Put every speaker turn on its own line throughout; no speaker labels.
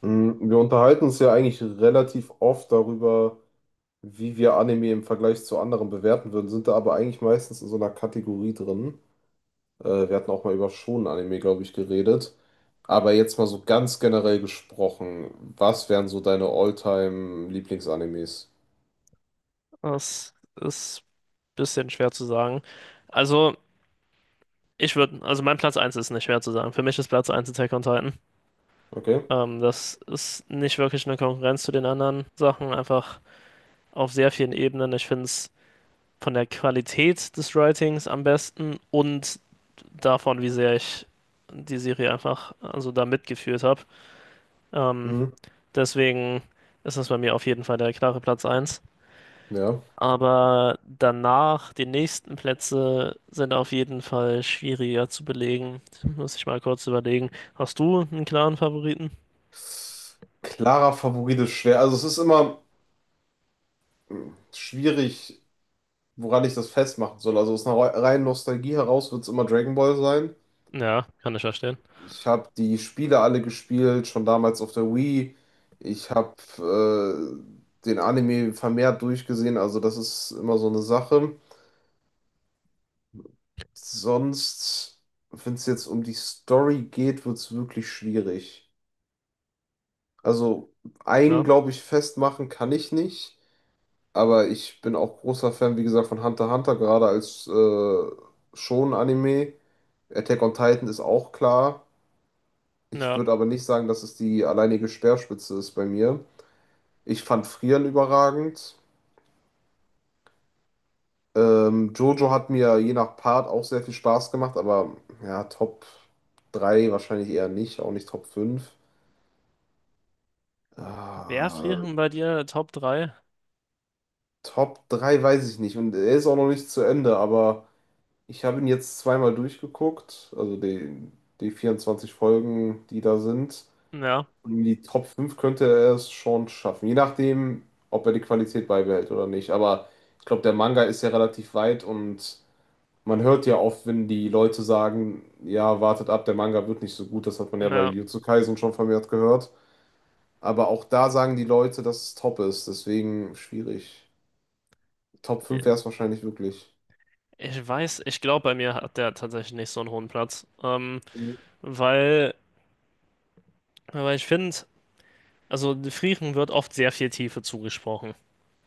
Wir unterhalten uns ja eigentlich relativ oft darüber, wie wir Anime im Vergleich zu anderen bewerten würden, sind da aber eigentlich meistens in so einer Kategorie drin. Wir hatten auch mal über Shonen-Anime, glaube ich, geredet. Aber jetzt mal so ganz generell gesprochen, was wären so deine All-Time-Lieblingsanimes?
Das ist ein bisschen schwer zu sagen. Also, also, mein Platz eins ist nicht schwer zu sagen. Für mich ist Platz eins Attack on Titan.
Okay.
Das ist nicht wirklich eine Konkurrenz zu den anderen Sachen, einfach auf sehr vielen Ebenen. Ich finde es von der Qualität des Writings am besten und davon, wie sehr ich die Serie einfach also da mitgeführt habe. Ähm,
Mhm.
deswegen ist das bei mir auf jeden Fall der klare Platz eins.
Ja.
Aber danach, die nächsten Plätze sind auf jeden Fall schwieriger zu belegen. Muss ich mal kurz überlegen. Hast du einen klaren Favoriten?
Klarer Favorit ist schwer. Also es ist immer schwierig, woran ich das festmachen soll. Also aus einer reinen Nostalgie heraus wird es immer Dragon Ball sein.
Ja, kann ich verstehen.
Ich habe die Spiele alle gespielt, schon damals auf der Wii. Ich habe den Anime vermehrt durchgesehen, also das ist immer so eine Sache. Sonst, wenn es jetzt um die Story geht, wird es wirklich schwierig. Also
Ja,
einen, glaube ich, festmachen kann ich nicht, aber ich bin auch großer Fan, wie gesagt, von Hunter x Hunter, gerade als Shonen-Anime. Attack on Titan ist auch klar. Ich
ja.
würde aber nicht sagen, dass es die alleinige Speerspitze ist bei mir. Ich fand Frieren überragend. Jojo hat mir je nach Part auch sehr viel Spaß gemacht, aber ja, Top 3 wahrscheinlich eher nicht, auch nicht Top 5.
Wer
Ah,
frieren bei dir Top 3?
Top 3 weiß ich nicht und er ist auch noch nicht zu Ende, aber ich habe ihn jetzt zweimal durchgeguckt, also die 24 Folgen, die da sind.
Ja,
Und in die Top 5 könnte er es schon schaffen, je nachdem, ob er die Qualität beibehält oder nicht. Aber ich glaube, der Manga ist ja relativ weit und man hört ja oft, wenn die Leute sagen, ja, wartet ab, der Manga wird nicht so gut. Das hat man ja bei
ja.
Jujutsu Kaisen schon vermehrt gehört. Aber auch da sagen die Leute, dass es top ist. Deswegen schwierig. Top fünf wäre es wahrscheinlich wirklich.
Ich weiß, ich glaube, bei mir hat der tatsächlich nicht so einen hohen Platz.
Mhm.
Weil, weil ich finde, also Frieren wird oft sehr viel Tiefe zugesprochen.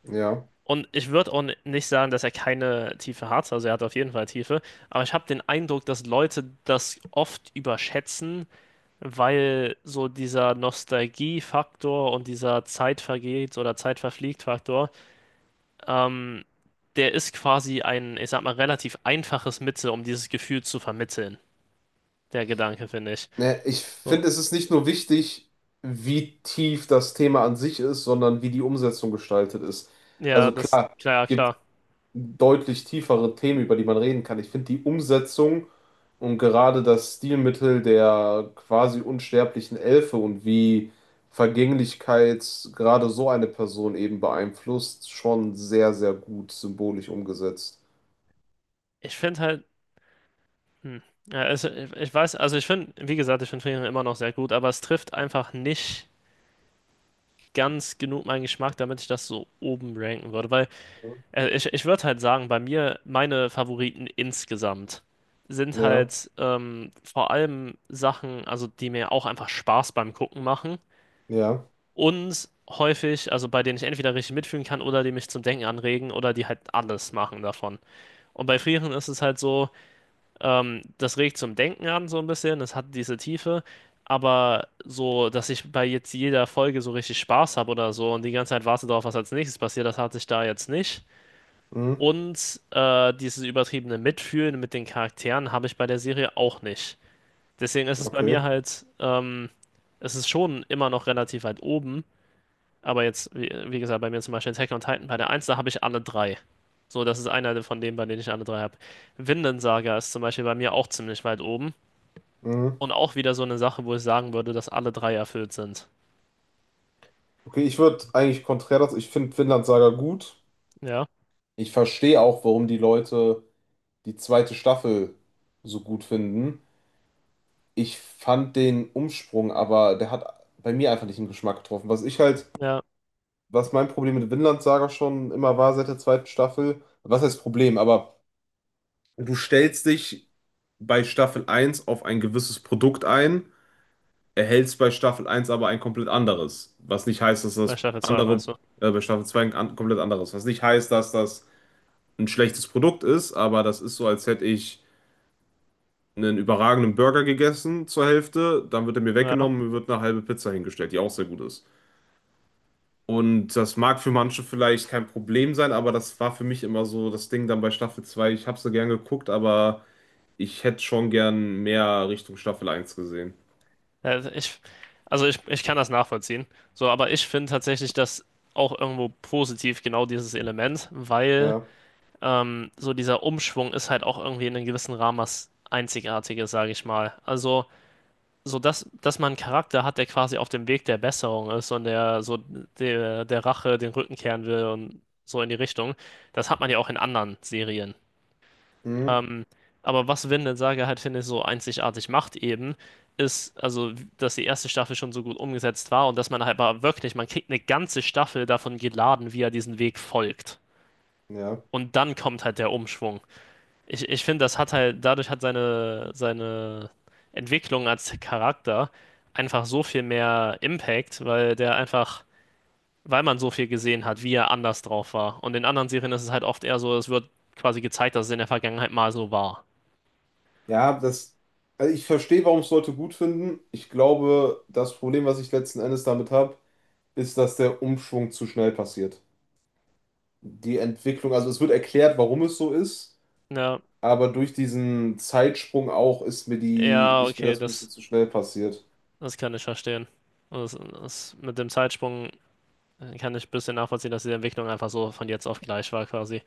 Ja.
Und ich würde auch nicht sagen, dass er keine Tiefe hat, also er hat auf jeden Fall Tiefe, aber ich habe den Eindruck, dass Leute das oft überschätzen, weil so dieser Nostalgie-Faktor und dieser Zeit vergeht oder Zeit verfliegt Faktor, ähm, der ist quasi ein, ich sag mal, relativ einfaches Mittel, um dieses Gefühl zu vermitteln, der Gedanke, finde ich.
Ne, ich
Und
finde, es ist nicht nur wichtig, wie tief das Thema an sich ist, sondern wie die Umsetzung gestaltet ist.
ja,
Also
das,
klar,
klar,
gibt
klar.
deutlich tiefere Themen, über die man reden kann. Ich finde die Umsetzung und gerade das Stilmittel der quasi unsterblichen Elfe und wie Vergänglichkeit gerade so eine Person eben beeinflusst, schon sehr, sehr gut symbolisch umgesetzt.
Ich finde halt, hm, ja, also, ich weiß, also ich finde, wie gesagt, ich finde Friedrich immer noch sehr gut, aber es trifft einfach nicht ganz genug mein Geschmack, damit ich das so oben ranken würde. Weil ich würde halt sagen, bei mir, meine Favoriten insgesamt sind
Ja,
halt vor allem Sachen, also die mir auch einfach Spaß beim Gucken machen
ja,
und häufig, also bei denen ich entweder richtig mitfühlen kann oder die mich zum Denken anregen oder die halt alles machen davon. Und bei Frieren ist es halt so, das regt zum Denken an, so ein bisschen. Es hat diese Tiefe. Aber so, dass ich bei jetzt jeder Folge so richtig Spaß habe oder so und die ganze Zeit warte darauf, was als nächstes passiert, das hatte ich da jetzt nicht.
mhm,
Und dieses übertriebene Mitfühlen mit den Charakteren habe ich bei der Serie auch nicht. Deswegen ist es bei
okay,
mir halt, es ist schon immer noch relativ weit oben. Aber jetzt, wie gesagt, bei mir zum Beispiel Attack on Titan, bei der eins da habe ich alle drei. So, das ist einer von denen, bei denen ich alle drei habe. Vinland Saga ist zum Beispiel bei mir auch ziemlich weit oben.
mhm.
Und auch wieder so eine Sache, wo ich sagen würde, dass alle drei erfüllt sind.
Okay, ich würde eigentlich konträr dazu, ich finde Vinland Saga gut.
Ja,
Ich verstehe auch, warum die Leute die zweite Staffel so gut finden. Ich fand den Umsprung, aber der hat bei mir einfach nicht den Geschmack getroffen. Was ich halt,
ja,
was mein Problem mit Vinland Saga schon immer war seit der zweiten Staffel, was heißt Problem, aber du stellst dich bei Staffel eins auf ein gewisses Produkt ein, erhältst bei Staffel eins aber ein komplett anderes. Was nicht heißt, dass
bei
das
Staffel 2
andere,
meinst du.
bei Staffel 2 ein komplett anderes. Was nicht heißt, dass das ein schlechtes Produkt ist, aber das ist so, als hätte ich einen überragenden Burger gegessen zur Hälfte, dann wird er mir
Ja,
weggenommen, und mir wird eine halbe Pizza hingestellt, die auch sehr gut ist. Und das mag für manche vielleicht kein Problem sein, aber das war für mich immer so das Ding dann bei Staffel 2. Ich habe so gern geguckt, aber ich hätte schon gern mehr Richtung Staffel eins gesehen.
Äh, ich, ich kann das nachvollziehen. So, aber ich finde tatsächlich das auch irgendwo positiv, genau dieses Element, weil
Ja,
so dieser Umschwung ist halt auch irgendwie in einem gewissen Rahmen was Einzigartiges, sage ich mal. Also, so dass man einen Charakter hat, der quasi auf dem Weg der Besserung ist und der so der Rache den Rücken kehren will und so in die Richtung, das hat man ja auch in anderen Serien.
mhm.
Ähm, aber was Vinland Saga halt, finde ich, so einzigartig macht eben, ist, also, dass die erste Staffel schon so gut umgesetzt war und dass man halt aber wirklich, man kriegt eine ganze Staffel davon geladen, wie er diesen Weg folgt.
Ja,
Und dann kommt halt der Umschwung. Ich finde, das hat halt, dadurch hat seine Entwicklung als Charakter einfach so viel mehr Impact, weil der einfach, weil man so viel gesehen hat, wie er anders drauf war. Und in anderen Serien ist es halt oft eher so, es wird quasi gezeigt, dass es in der Vergangenheit mal so war.
ja, das, also ich verstehe, warum es Leute gut finden. Ich glaube, das Problem, was ich letzten Endes damit habe, ist, dass der Umschwung zu schnell passiert. Die Entwicklung, also es wird erklärt, warum es so ist,
Ja.
aber durch diesen Zeitsprung auch ist mir
Ja,
ist mir
okay,
das ein bisschen zu schnell passiert.
das kann ich verstehen. Und das, mit dem Zeitsprung kann ich ein bisschen nachvollziehen, dass die Entwicklung einfach so von jetzt auf gleich war, quasi.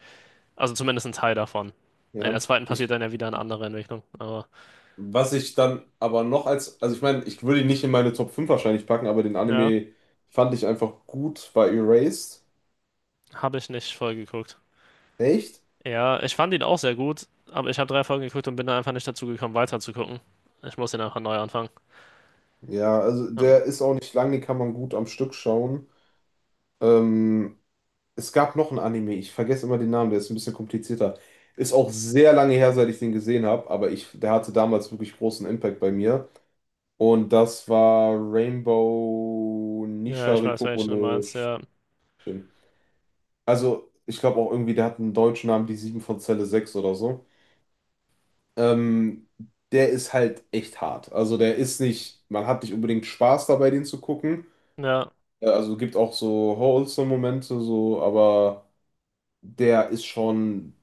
Also zumindest ein Teil davon. In der
Ja.
zweiten passiert
Ich,
dann ja wieder eine andere Entwicklung. Aber
was ich dann aber noch als, also ich meine, ich würde ihn nicht in meine Top 5 wahrscheinlich packen, aber den
ja,
Anime fand ich einfach gut bei Erased.
habe ich nicht voll geguckt.
Echt?
Ja, ich fand ihn auch sehr gut, aber ich habe drei Folgen geguckt und bin da einfach nicht dazu gekommen, weiter zu gucken. Ich muss ihn einfach neu anfangen.
Ja, also
Ähm,
der ist auch nicht lang, den kann man gut am Stück schauen. Ähm, Es gab noch ein Anime, ich vergesse immer den Namen, der ist ein bisschen komplizierter. Ist auch sehr lange her, seit ich den gesehen habe, aber ich, der hatte damals wirklich großen Impact bei mir. Und das war Rainbow
Ja, ich weiß,
Nishariko
welchen du
no
meinst. Ja,
Shin. Also, ich glaube auch irgendwie, der hat einen deutschen Namen, die 7 von Zelle 6 oder so. Ähm, Der ist halt echt hart. Also, der ist nicht, man hat nicht unbedingt Spaß dabei, den zu gucken.
ja,
Also, gibt auch so wholesome Momente, so, aber der ist schon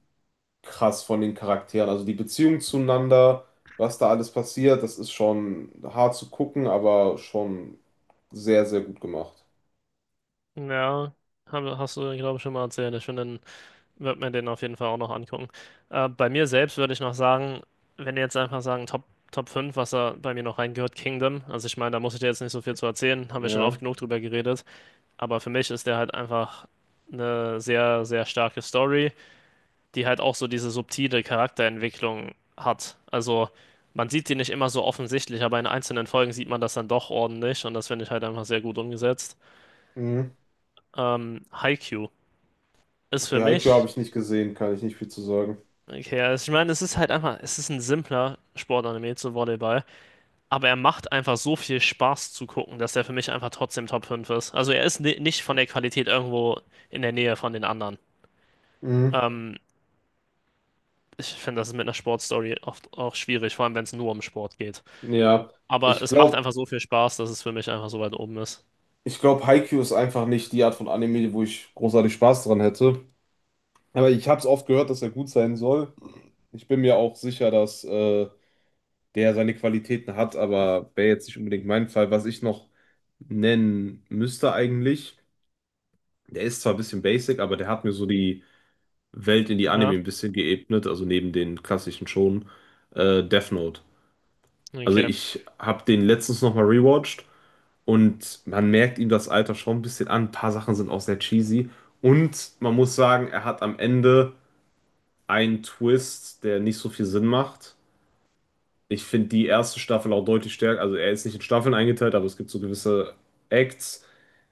krass von den Charakteren. Also, die Beziehung zueinander, was da alles passiert, das ist schon hart zu gucken, aber schon sehr, sehr gut gemacht.
ja. Hab, hast du, glaube ich, schon mal erzählt. Ich finde ihn Wird mir den auf jeden Fall auch noch angucken. Bei mir selbst würde ich noch sagen, wenn ihr jetzt einfach sagen, Top 5, was da bei mir noch reingehört, Kingdom. Also ich meine, da muss ich dir jetzt nicht so viel zu erzählen, haben wir schon oft
Ja.
genug drüber geredet. Aber für mich ist der halt einfach eine sehr, sehr starke Story, die halt auch so diese subtile Charakterentwicklung hat. Also man sieht die nicht immer so offensichtlich, aber in einzelnen Folgen sieht man das dann doch ordentlich und das finde ich halt einfach sehr gut umgesetzt.
Mhm.
Haikyuu ist für
Okay, Haikyuu habe
mich
ich nicht gesehen, kann ich nicht viel zu sagen.
Okay, also ich meine, es ist halt einfach, es ist ein simpler Sportanime zu Volleyball, aber er macht einfach so viel Spaß zu gucken, dass er für mich einfach trotzdem Top 5 ist. Also er ist ni- nicht von der Qualität irgendwo in der Nähe von den anderen.
Mhm.
Ähm, ich finde, das ist mit einer Sportstory oft auch schwierig, vor allem wenn es nur um Sport geht.
Ja,
Aber
ich
es macht
glaube,
einfach so viel Spaß, dass es für mich einfach so weit oben ist.
ich glaube, Haikyuu ist einfach nicht die Art von Anime, wo ich großartig Spaß dran hätte. Aber ich habe es oft gehört, dass er gut sein soll. Ich bin mir auch sicher, dass der seine Qualitäten hat, aber wäre jetzt nicht unbedingt mein Fall. Was ich noch nennen müsste eigentlich, der ist zwar ein bisschen basic, aber der hat mir so die Welt in die Anime
Ja,
ein bisschen geebnet, also neben den klassischen schon. Death Note. Also
okay.
ich habe den letztens nochmal rewatcht und man merkt ihm das Alter schon ein bisschen an. Ein paar Sachen sind auch sehr cheesy. Und man muss sagen, er hat am Ende einen Twist, der nicht so viel Sinn macht. Ich finde die erste Staffel auch deutlich stärker. Also er ist nicht in Staffeln eingeteilt, aber es gibt so gewisse Acts.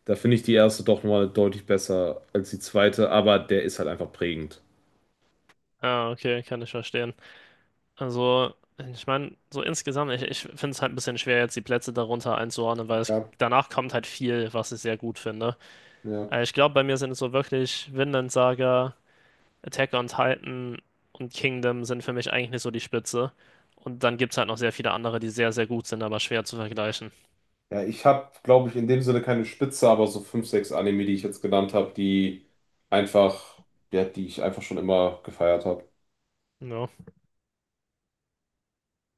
Da finde ich die erste doch mal deutlich besser als die zweite, aber der ist halt einfach prägend.
Ah, okay, kann ich verstehen. Also, ich meine, so insgesamt, ich finde es halt ein bisschen schwer, jetzt die Plätze darunter einzuordnen, weil es,
Ja,
danach kommt halt viel, was ich sehr gut finde.
ja.
Ich glaube, bei mir sind es so wirklich Vinland Saga, Attack on Titan und Kingdom sind für mich eigentlich nicht so die Spitze. Und dann gibt es halt noch sehr viele andere, die sehr, sehr gut sind, aber schwer zu vergleichen.
Ja, ich habe, glaube ich, in dem Sinne keine Spitze, aber so fünf, sechs Anime, die ich jetzt genannt habe, die einfach, ja, die ich einfach schon immer gefeiert habe.
Ja.